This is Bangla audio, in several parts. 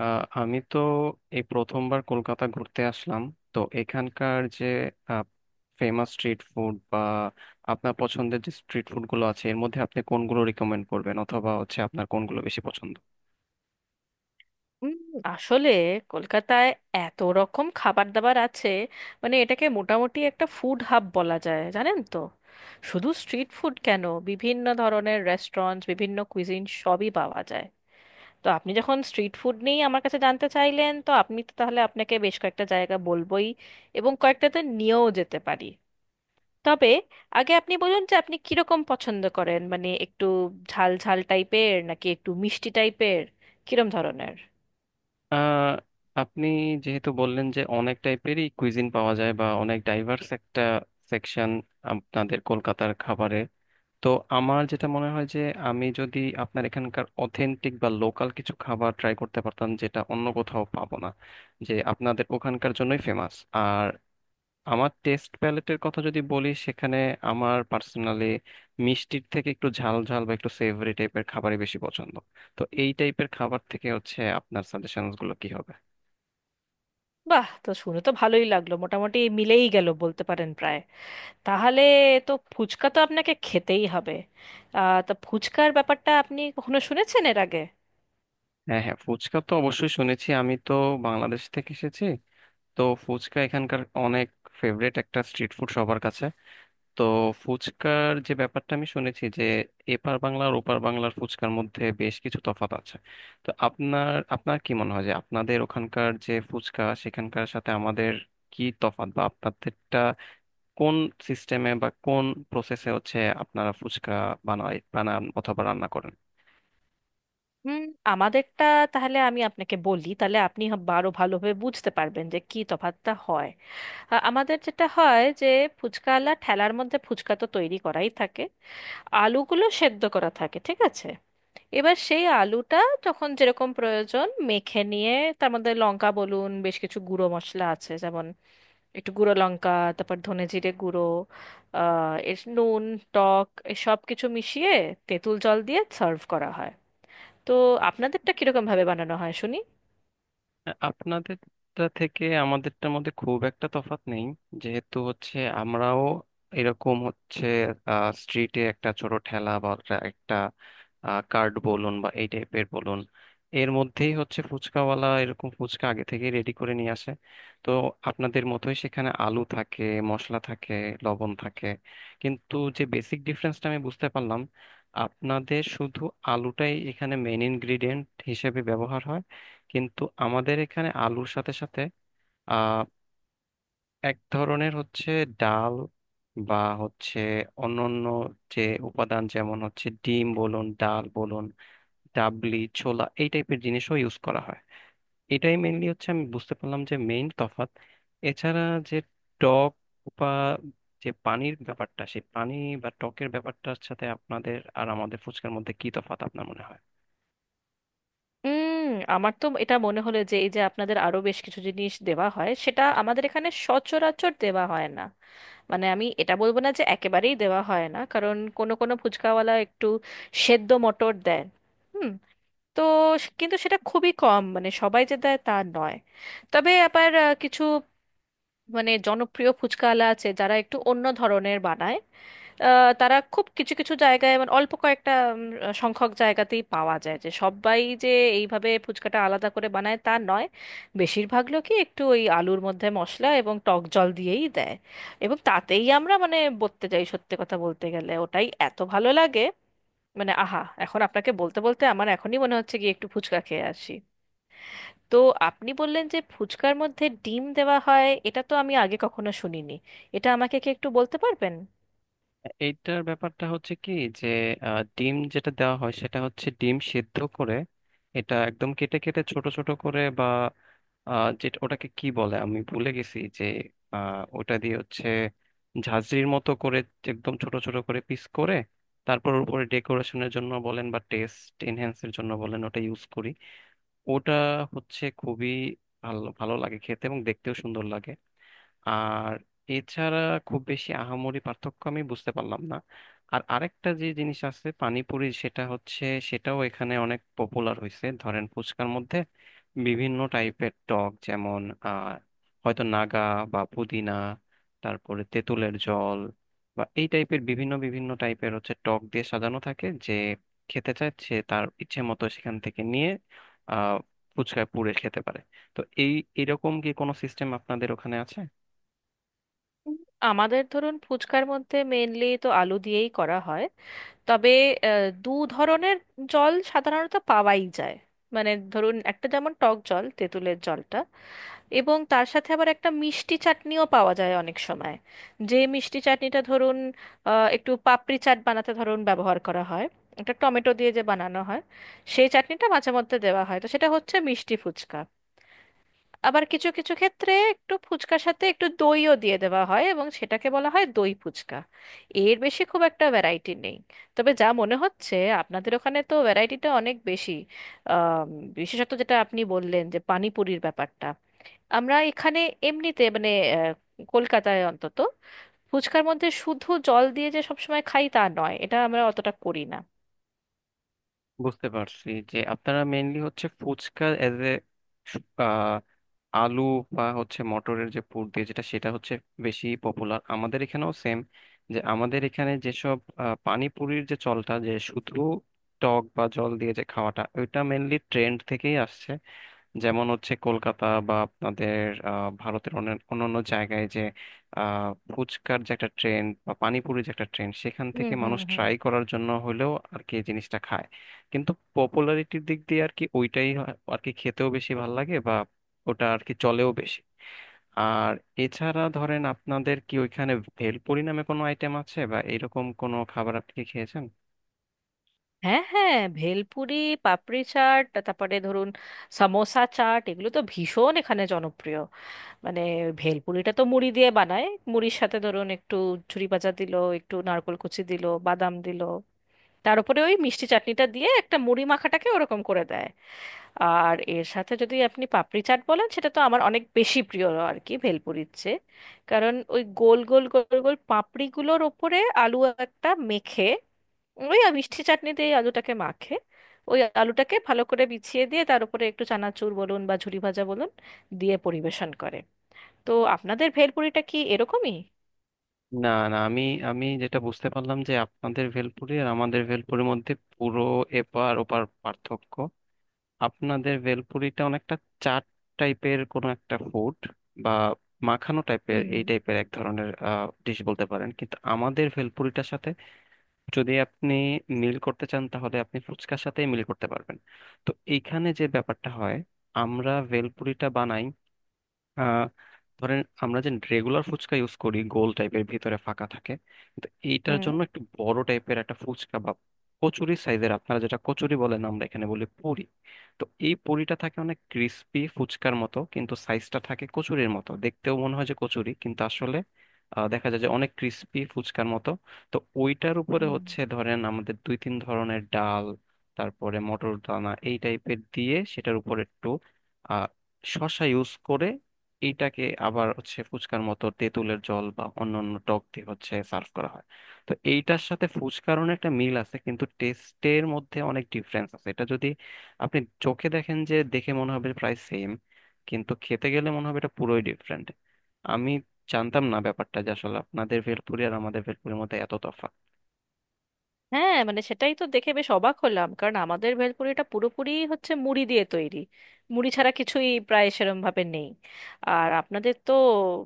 আমি তো এই প্রথমবার কলকাতা ঘুরতে আসলাম। তো এখানকার যে ফেমাস স্ট্রিট ফুড বা আপনার পছন্দের যে স্ট্রিট ফুড গুলো আছে এর মধ্যে আপনি কোনগুলো রিকমেন্ড করবেন অথবা হচ্ছে আপনার কোনগুলো বেশি পছন্দ? উম, আসলে কলকাতায় এত রকম খাবার দাবার আছে, মানে এটাকে মোটামুটি একটা ফুড হাব বলা যায়, জানেন তো। শুধু স্ট্রিট ফুড কেন, বিভিন্ন ধরনের রেস্টুরেন্টস, বিভিন্ন কুইজিন সবই পাওয়া যায়। তো আপনি যখন স্ট্রিট ফুড নিয়ে আমার কাছে জানতে চাইলেন, তো আপনি তো তাহলে আপনাকে বেশ কয়েকটা জায়গা বলবোই, এবং কয়েকটাতে নিয়েও যেতে পারি। তবে আগে আপনি বলুন যে আপনি কিরকম পছন্দ করেন, মানে একটু ঝাল ঝাল টাইপের, নাকি একটু মিষ্টি টাইপের, কিরম ধরনের। আহ, আপনি যেহেতু বললেন যে অনেক টাইপেরই কুইজিন পাওয়া যায় বা অনেক ডাইভার্স একটা সেকশন আপনাদের কলকাতার খাবারের, তো আমার যেটা মনে হয় যে আমি যদি আপনার এখানকার অথেন্টিক বা লোকাল কিছু খাবার ট্রাই করতে পারতাম যেটা অন্য কোথাও পাবো না, যে আপনাদের ওখানকার জন্যই ফেমাস। আর আমার টেস্ট প্যালেটের কথা যদি বলি সেখানে আমার পার্সোনালি মিষ্টির থেকে একটু ঝাল ঝাল বা একটু সেভরি টাইপের খাবারই বেশি পছন্দ। তো এই টাইপের খাবার থেকে হচ্ছে আপনার সাজেশনস গুলো কি হবে? বাহ, তো শুনে তো ভালোই লাগলো, মোটামুটি মিলেই গেল বলতে পারেন প্রায়। তাহলে তো ফুচকা তো আপনাকে খেতেই হবে। আহ, তা ফুচকার ব্যাপারটা আপনি কখনো শুনেছেন এর আগে? হ্যাঁ হ্যাঁ, ফুচকা তো অবশ্যই শুনেছি, আমি তো বাংলাদেশ থেকে এসেছি। তো ফুচকা এখানকার অনেক ফেভারিট একটা স্ট্রিট ফুড সবার কাছে। তো ফুচকার যে ব্যাপারটা আমি শুনেছি যে এপার বাংলার ওপার বাংলার ফুচকার মধ্যে বেশ কিছু তফাৎ আছে। তো আপনার আপনার কি মনে হয় যে আপনাদের ওখানকার যে ফুচকা সেখানকার সাথে আমাদের কি তফাৎ, বা আপনাদেরটা কোন সিস্টেমে বা কোন প্রসেসে হচ্ছে আপনারা ফুচকা বানান অথবা রান্না করেন? হুম, আমাদেরটা, তাহলে আমি আপনাকে বলি, তাহলে আপনি আরো ভালোভাবে বুঝতে পারবেন যে কি তফাৎটা হয়। আমাদের যেটা হয় যে ফুচকাওয়ালা ঠেলার মধ্যে ফুচকা তো তৈরি করাই থাকে, আলুগুলো সেদ্ধ করা থাকে, ঠিক আছে। এবার সেই আলুটা যখন যেরকম প্রয়োজন মেখে নিয়ে, তার মধ্যে লঙ্কা বলুন, বেশ কিছু গুঁড়ো মশলা আছে যেমন একটু গুঁড়ো লঙ্কা, তারপর ধনে জিরে গুঁড়ো, আহ এর নুন, টক, সব কিছু মিশিয়ে তেঁতুল জল দিয়ে সার্ভ করা হয়। তো আপনাদেরটা কিরকম ভাবে বানানো হয় শুনি। আপনাদেরটা থেকে আমাদেরটার মধ্যে খুব একটা তফাৎ নেই, যেহেতু হচ্ছে আমরাও এরকম হচ্ছে স্ট্রিটে একটা ছোট ঠেলা বা একটা কার্ড বলুন বা এই টাইপের বলুন, এর মধ্যেই হচ্ছে ফুচকাওয়ালা এরকম ফুচকা আগে থেকে রেডি করে নিয়ে আসে। তো আপনাদের মতোই সেখানে আলু থাকে, মশলা থাকে, লবণ থাকে, কিন্তু যে বেসিক ডিফারেন্সটা আমি বুঝতে পারলাম, আপনাদের শুধু আলুটাই এখানে মেন ইনগ্রিডিয়েন্ট হিসেবে ব্যবহার হয়, কিন্তু আমাদের এখানে আলুর সাথে সাথে আহ এক ধরনের হচ্ছে ডাল বা হচ্ছে অন্যান্য যে উপাদান যেমন হচ্ছে ডিম বলুন ডাল বলুন ডাবলি ছোলা এই টাইপের জিনিসও ইউজ করা হয়। এটাই মেইনলি হচ্ছে আমি বুঝতে পারলাম যে মেইন তফাৎ। এছাড়া যে টক বা যে পানির ব্যাপারটা, সেই পানি বা টকের ব্যাপারটার সাথে আপনাদের আর আমাদের ফুচকার মধ্যে কি তফাৎ আপনার মনে হয়? উম আমার তো এটা মনে হলো যে এই যে আপনাদের আরো বেশ কিছু জিনিস দেওয়া হয় সেটা আমাদের এখানে সচরাচর দেওয়া হয় না। মানে আমি এটা বলবো না যে একেবারেই দেওয়া হয় না, কারণ কোনো কোনো ফুচকাওয়ালা একটু সেদ্ধ মটর দেন। হুম। তো কিন্তু সেটা খুবই কম, মানে সবাই যে দেয় তা নয়। তবে আবার কিছু মানে জনপ্রিয় ফুচকাওয়ালা আছে যারা একটু অন্য ধরনের বানায়। তারা খুব কিছু কিছু জায়গায়, মানে অল্প কয়েকটা উম, সংখ্যক জায়গাতেই পাওয়া যায়, যে সবাই যে এইভাবে ফুচকাটা আলাদা করে বানায় তা নয়। বেশিরভাগ লোকই একটু ওই আলুর মধ্যে মশলা এবং টক জল দিয়েই দেয়, এবং তাতেই আমরা মানে বলতে যাই, সত্যি কথা বলতে গেলে ওটাই এত ভালো লাগে। মানে আহা, এখন আপনাকে বলতে বলতে আমার এখনই মনে হচ্ছে গিয়ে একটু ফুচকা খেয়ে আসি। তো আপনি বললেন যে ফুচকার মধ্যে ডিম দেওয়া হয়, এটা তো আমি আগে কখনো শুনিনি। এটা আমাকে কি একটু বলতে পারবেন? এইটার ব্যাপারটা হচ্ছে কি, যে ডিম যেটা দেওয়া হয় সেটা হচ্ছে ডিম সেদ্ধ করে এটা একদম কেটে কেটে ছোট ছোট করে, বা যেটা ওটাকে কি বলে আমি ভুলে গেছি, যে ওটা দিয়ে হচ্ছে ঝাঁঝরির মতো করে একদম ছোট ছোট করে পিস করে তারপর ওর উপরে ডেকোরেশনের জন্য বলেন বা টেস্ট এনহ্যান্সের জন্য বলেন ওটা ইউজ করি। ওটা হচ্ছে খুবই ভালো, ভালো লাগে খেতে এবং দেখতেও সুন্দর লাগে। আর এছাড়া খুব বেশি আহামরি পার্থক্য আমি বুঝতে পারলাম না। আর আরেকটা যে জিনিস আছে পানিপুরি, সেটা হচ্ছে সেটাও এখানে অনেক পপুলার হয়েছে। ধরেন ফুচকার মধ্যে বিভিন্ন টাইপের টক, যেমন আহ হয়তো নাগা বা পুদিনা, তারপরে তেঁতুলের জল বা এই টাইপের বিভিন্ন বিভিন্ন টাইপের হচ্ছে টক দিয়ে সাজানো থাকে, যে খেতে চায় সে তার ইচ্ছে মতো সেখান থেকে নিয়ে আহ ফুচকায় পুরে খেতে পারে। তো এই এরকম কি কোনো সিস্টেম আপনাদের ওখানে আছে? আমাদের ধরুন ফুচকার মধ্যে মেনলি তো আলু দিয়েই করা হয়। তবে দু ধরনের জল সাধারণত পাওয়াই যায়। মানে ধরুন একটা যেমন টক জল, তেঁতুলের জলটা, এবং তার সাথে আবার একটা মিষ্টি চাটনিও পাওয়া যায় অনেক সময়। যে মিষ্টি চাটনিটা ধরুন একটু পাপড়ি চাট বানাতে ধরুন ব্যবহার করা হয়, একটা টমেটো দিয়ে যে বানানো হয়, সেই চাটনিটা মাঝে মধ্যে দেওয়া হয়, তো সেটা হচ্ছে মিষ্টি ফুচকা। আবার কিছু কিছু ক্ষেত্রে একটু ফুচকার সাথে একটু দইও দিয়ে দেওয়া হয়, এবং সেটাকে বলা হয় দই ফুচকা। এর বেশি খুব একটা ভ্যারাইটি নেই। তবে যা মনে হচ্ছে আপনাদের ওখানে তো ভ্যারাইটিটা অনেক বেশি। আম, বিশেষত যেটা আপনি বললেন যে পানিপুরির ব্যাপারটা, আমরা এখানে এমনিতে মানে আহ, কলকাতায় অন্তত ফুচকার মধ্যে শুধু জল দিয়ে যে সবসময় খাই তা নয়, এটা আমরা অতটা করি না। বুঝতে পারছি যে আপনারা মেইনলি হচ্ছে ফুচকা এজ এ আলু বা হচ্ছে মটরের যে পুর দিয়ে যেটা সেটা হচ্ছে বেশি পপুলার, আমাদের এখানেও সেম। যে আমাদের এখানে যেসব পানিপুরির যে চলটা যে শুধু টক বা জল দিয়ে যে খাওয়াটা ওইটা মেইনলি ট্রেন্ড থেকেই আসছে। যেমন হচ্ছে কলকাতা বা আপনাদের ভারতের অন্যান্য জায়গায় যে ফুচকার যে একটা ট্রেন্ড বা পানিপুরির যে একটা ট্রেন্ড, সেখান থেকে হুম হুম মানুষ হুম। ট্রাই করার জন্য হলেও আর কি এই জিনিসটা খায়। কিন্তু পপুলারিটির দিক দিয়ে আর কি ওইটাই আর কি খেতেও বেশি ভাল লাগে বা ওটা আর কি চলেও বেশি। আর এছাড়া ধরেন আপনাদের কি ওইখানে ভেলপুরি নামে কোনো আইটেম আছে বা এরকম কোনো খাবার আপনি কি খেয়েছেন? হ্যাঁ হ্যাঁ, ভেলপুরি, পাপড়ি চাট, তারপরে ধরুন সামোসা চাট, এগুলো তো ভীষণ এখানে জনপ্রিয়। মানে ভেলপুরিটা তো মুড়ি দিয়ে বানায়। মুড়ির সাথে ধরুন একটু ছুরি ভাজা দিল, একটু নারকোল কুচি দিল, বাদাম দিল, তার উপরে ওই মিষ্টি চাটনিটা দিয়ে একটা মুড়ি মাখাটাকে ওরকম করে দেয়। আর এর সাথে যদি আপনি পাপড়ি চাট বলেন, সেটা তো আমার অনেক বেশি প্রিয় আর কি ভেলপুরির চেয়ে। কারণ ওই গোল গোল গোল গোল পাপড়িগুলোর ওপরে আলু একটা মেখে, ওই মিষ্টি চাটনিতে এই আলুটাকে মাখে, ওই আলুটাকে ভালো করে বিছিয়ে দিয়ে তার উপরে একটু চানাচুর বলুন বা ঝুরি ভাজা বলুন দিয়ে পরিবেশন করে। তো আপনাদের ভেলপুরিটা কি এরকমই? না না, আমি আমি যেটা বুঝতে পারলাম যে আপনাদের ভেলপুরি আর আমাদের ভেলপুরির মধ্যে পুরো এপার ওপার পার্থক্য। আপনাদের ভেলপুরিটা অনেকটা চাট টাইপের কোনো একটা ফুড, বা মাখানো টাইপের হুম এই টাইপের এক ধরনের ডিশ বলতে পারেন, কিন্তু আমাদের ভেলপুরিটার সাথে যদি আপনি মিল করতে চান তাহলে আপনি ফুচকার সাথেই মিল করতে পারবেন। তো এইখানে যে ব্যাপারটা হয়, আমরা ভেলপুরিটা বানাই, ধরেন আমরা যে রেগুলার ফুচকা ইউজ করি গোল টাইপের ভিতরে ফাঁকা থাকে, কিন্তু এইটার হুম জন্য একটু বড় টাইপের একটা ফুচকা বা কচুরি সাইজের, আপনারা যেটা কচুরি বলেন আমরা এখানে বলি পুরি। তো এই পুরিটা থাকে অনেক ক্রিস্পি ফুচকার মতো কিন্তু সাইজটা থাকে কচুরির মতো, দেখতেও মনে হয় যে কচুরি কিন্তু আসলে দেখা যায় যে অনেক ক্রিস্পি ফুচকার মতো। তো ওইটার উপরে হুম। হচ্ছে ধরেন আমাদের দুই তিন ধরনের ডাল, তারপরে মটর দানা এই টাইপের দিয়ে সেটার উপর একটু আহ, শসা ইউজ করে, এইটাকে আবার হচ্ছে ফুচকার মতো তেঁতুলের জল বা অন্যান্য টক দিয়ে হচ্ছে সার্ভ করা হয়। তো এইটার সাথে ফুচকার অনেক একটা মিল আছে কিন্তু টেস্টের মধ্যে অনেক ডিফারেন্স আছে। এটা যদি আপনি চোখে দেখেন যে দেখে মনে হবে প্রায় সেম, কিন্তু খেতে গেলে মনে হবে এটা পুরোই ডিফারেন্ট। আমি জানতাম না ব্যাপারটা যে আসলে আপনাদের ভেলপুরি আর আমাদের ভেলপুরির মধ্যে এত তফাৎ। হ্যাঁ মানে সেটাই তো দেখে বেশ অবাক হলাম, কারণ আমাদের ভেলপুরিটা পুরোপুরি হচ্ছে মুড়ি দিয়ে তৈরি, মুড়ি ছাড়া কিছুই প্রায় সেরম ভাবে নেই। আর আপনাদের তো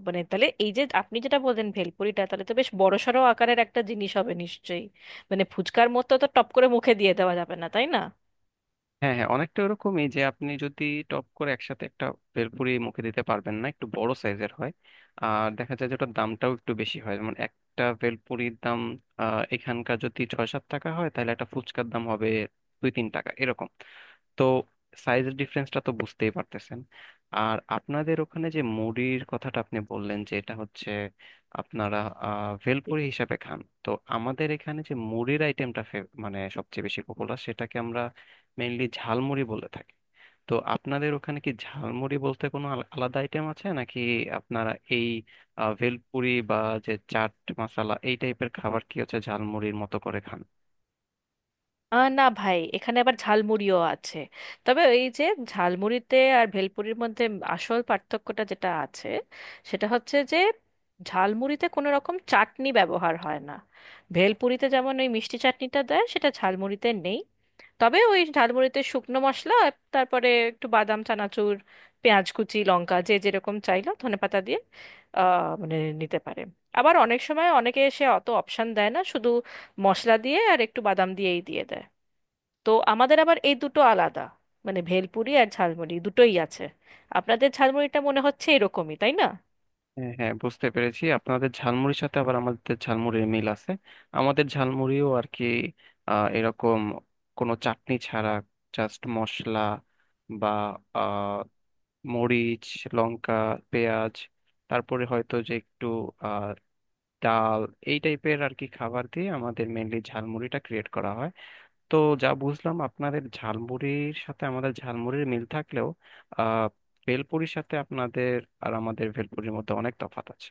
মানে, তাহলে এই যে আপনি যেটা বললেন ভেলপুরিটা, তাহলে তো বেশ বড়সড় আকারের একটা জিনিস হবে নিশ্চয়ই। মানে ফুচকার মতো তো টপ করে মুখে দিয়ে দেওয়া যাবে না, তাই না? হ্যাঁ হ্যাঁ, অনেকটা ওরকমই, যে আপনি যদি টপ করে একসাথে একটা ভেলপুরি মুখে দিতে পারবেন না, একটু বড় সাইজের হয়। আর দেখা যায় যে ওটার দামটাও একটু বেশি হয়, যেমন একটা ভেলপুরির দাম এখানকার যদি 6-7 টাকা হয় তাহলে একটা ফুচকার দাম হবে 2-3 টাকা এরকম। তো সাইজের ডিফারেন্সটা তো বুঝতেই পারতেছেন। আর আপনাদের ওখানে যে মুড়ির কথাটা আপনি বললেন যে এটা হচ্ছে আপনারা ভেলপুরি হিসাবে খান, তো আমাদের এখানে যে মুড়ির আইটেমটা মানে সবচেয়ে বেশি পপুলার সেটাকে আমরা মেইনলি ঝালমুড়ি বলে থাকি। তো আপনাদের ওখানে কি ঝালমুড়ি বলতে কোনো আলাদা আইটেম আছে নাকি আপনারা এই ভেলপুরি বা যে চাট মশলা এই টাইপের খাবার কি হচ্ছে ঝালমুড়ির মতো করে খান? আহ না ভাই, এখানে আবার ঝালমুড়িও আছে। তবে এই যে ঝালমুড়িতে আর ভেলপুরির মধ্যে আসল পার্থক্যটা যেটা আছে সেটা হচ্ছে যে ঝালমুড়িতে কোনো রকম চাটনি ব্যবহার হয় না। ভেলপুরিতে যেমন ওই মিষ্টি চাটনিটা দেয়, সেটা ঝালমুড়িতে নেই। তবে ওই ঝালমুড়িতে শুকনো মশলা আর তারপরে একটু বাদাম চানাচুর, পেঁয়াজ কুচি, লঙ্কা যে যেরকম চাইলো, ধনেপাতা দিয়ে আহ মানে নিতে পারে। আবার অনেক সময় অনেকে এসে অত অপশন দেয় না, শুধু মশলা দিয়ে আর একটু বাদাম দিয়েই দিয়ে দেয়। তো আমাদের আবার এই দুটো আলাদা, মানে ভেলপুরি আর ঝালমুড়ি দুটোই আছে। আপনাদের ঝালমুড়িটা মনে হচ্ছে এরকমই তাই না? হ্যাঁ হ্যাঁ, বুঝতে পেরেছি আপনাদের ঝালমুড়ির সাথে আবার আমাদের ঝালমুড়ির মিল আছে। আমাদের ঝালমুড়িও আর কি এরকম কোনো চাটনি ছাড়া জাস্ট মশলা বা আহ, মরিচ, লঙ্কা, পেঁয়াজ, তারপরে হয়তো যে একটু আহ, ডাল, এই টাইপের আর কি খাবার দিয়ে আমাদের মেনলি ঝালমুড়িটা ক্রিয়েট করা হয়। তো যা বুঝলাম আপনাদের ঝালমুড়ির সাথে আমাদের ঝালমুড়ির মিল থাকলেও আহ, ভেলপুরির সাথে আপনাদের আর আমাদের ভেলপুরির মধ্যে অনেক তফাৎ আছে।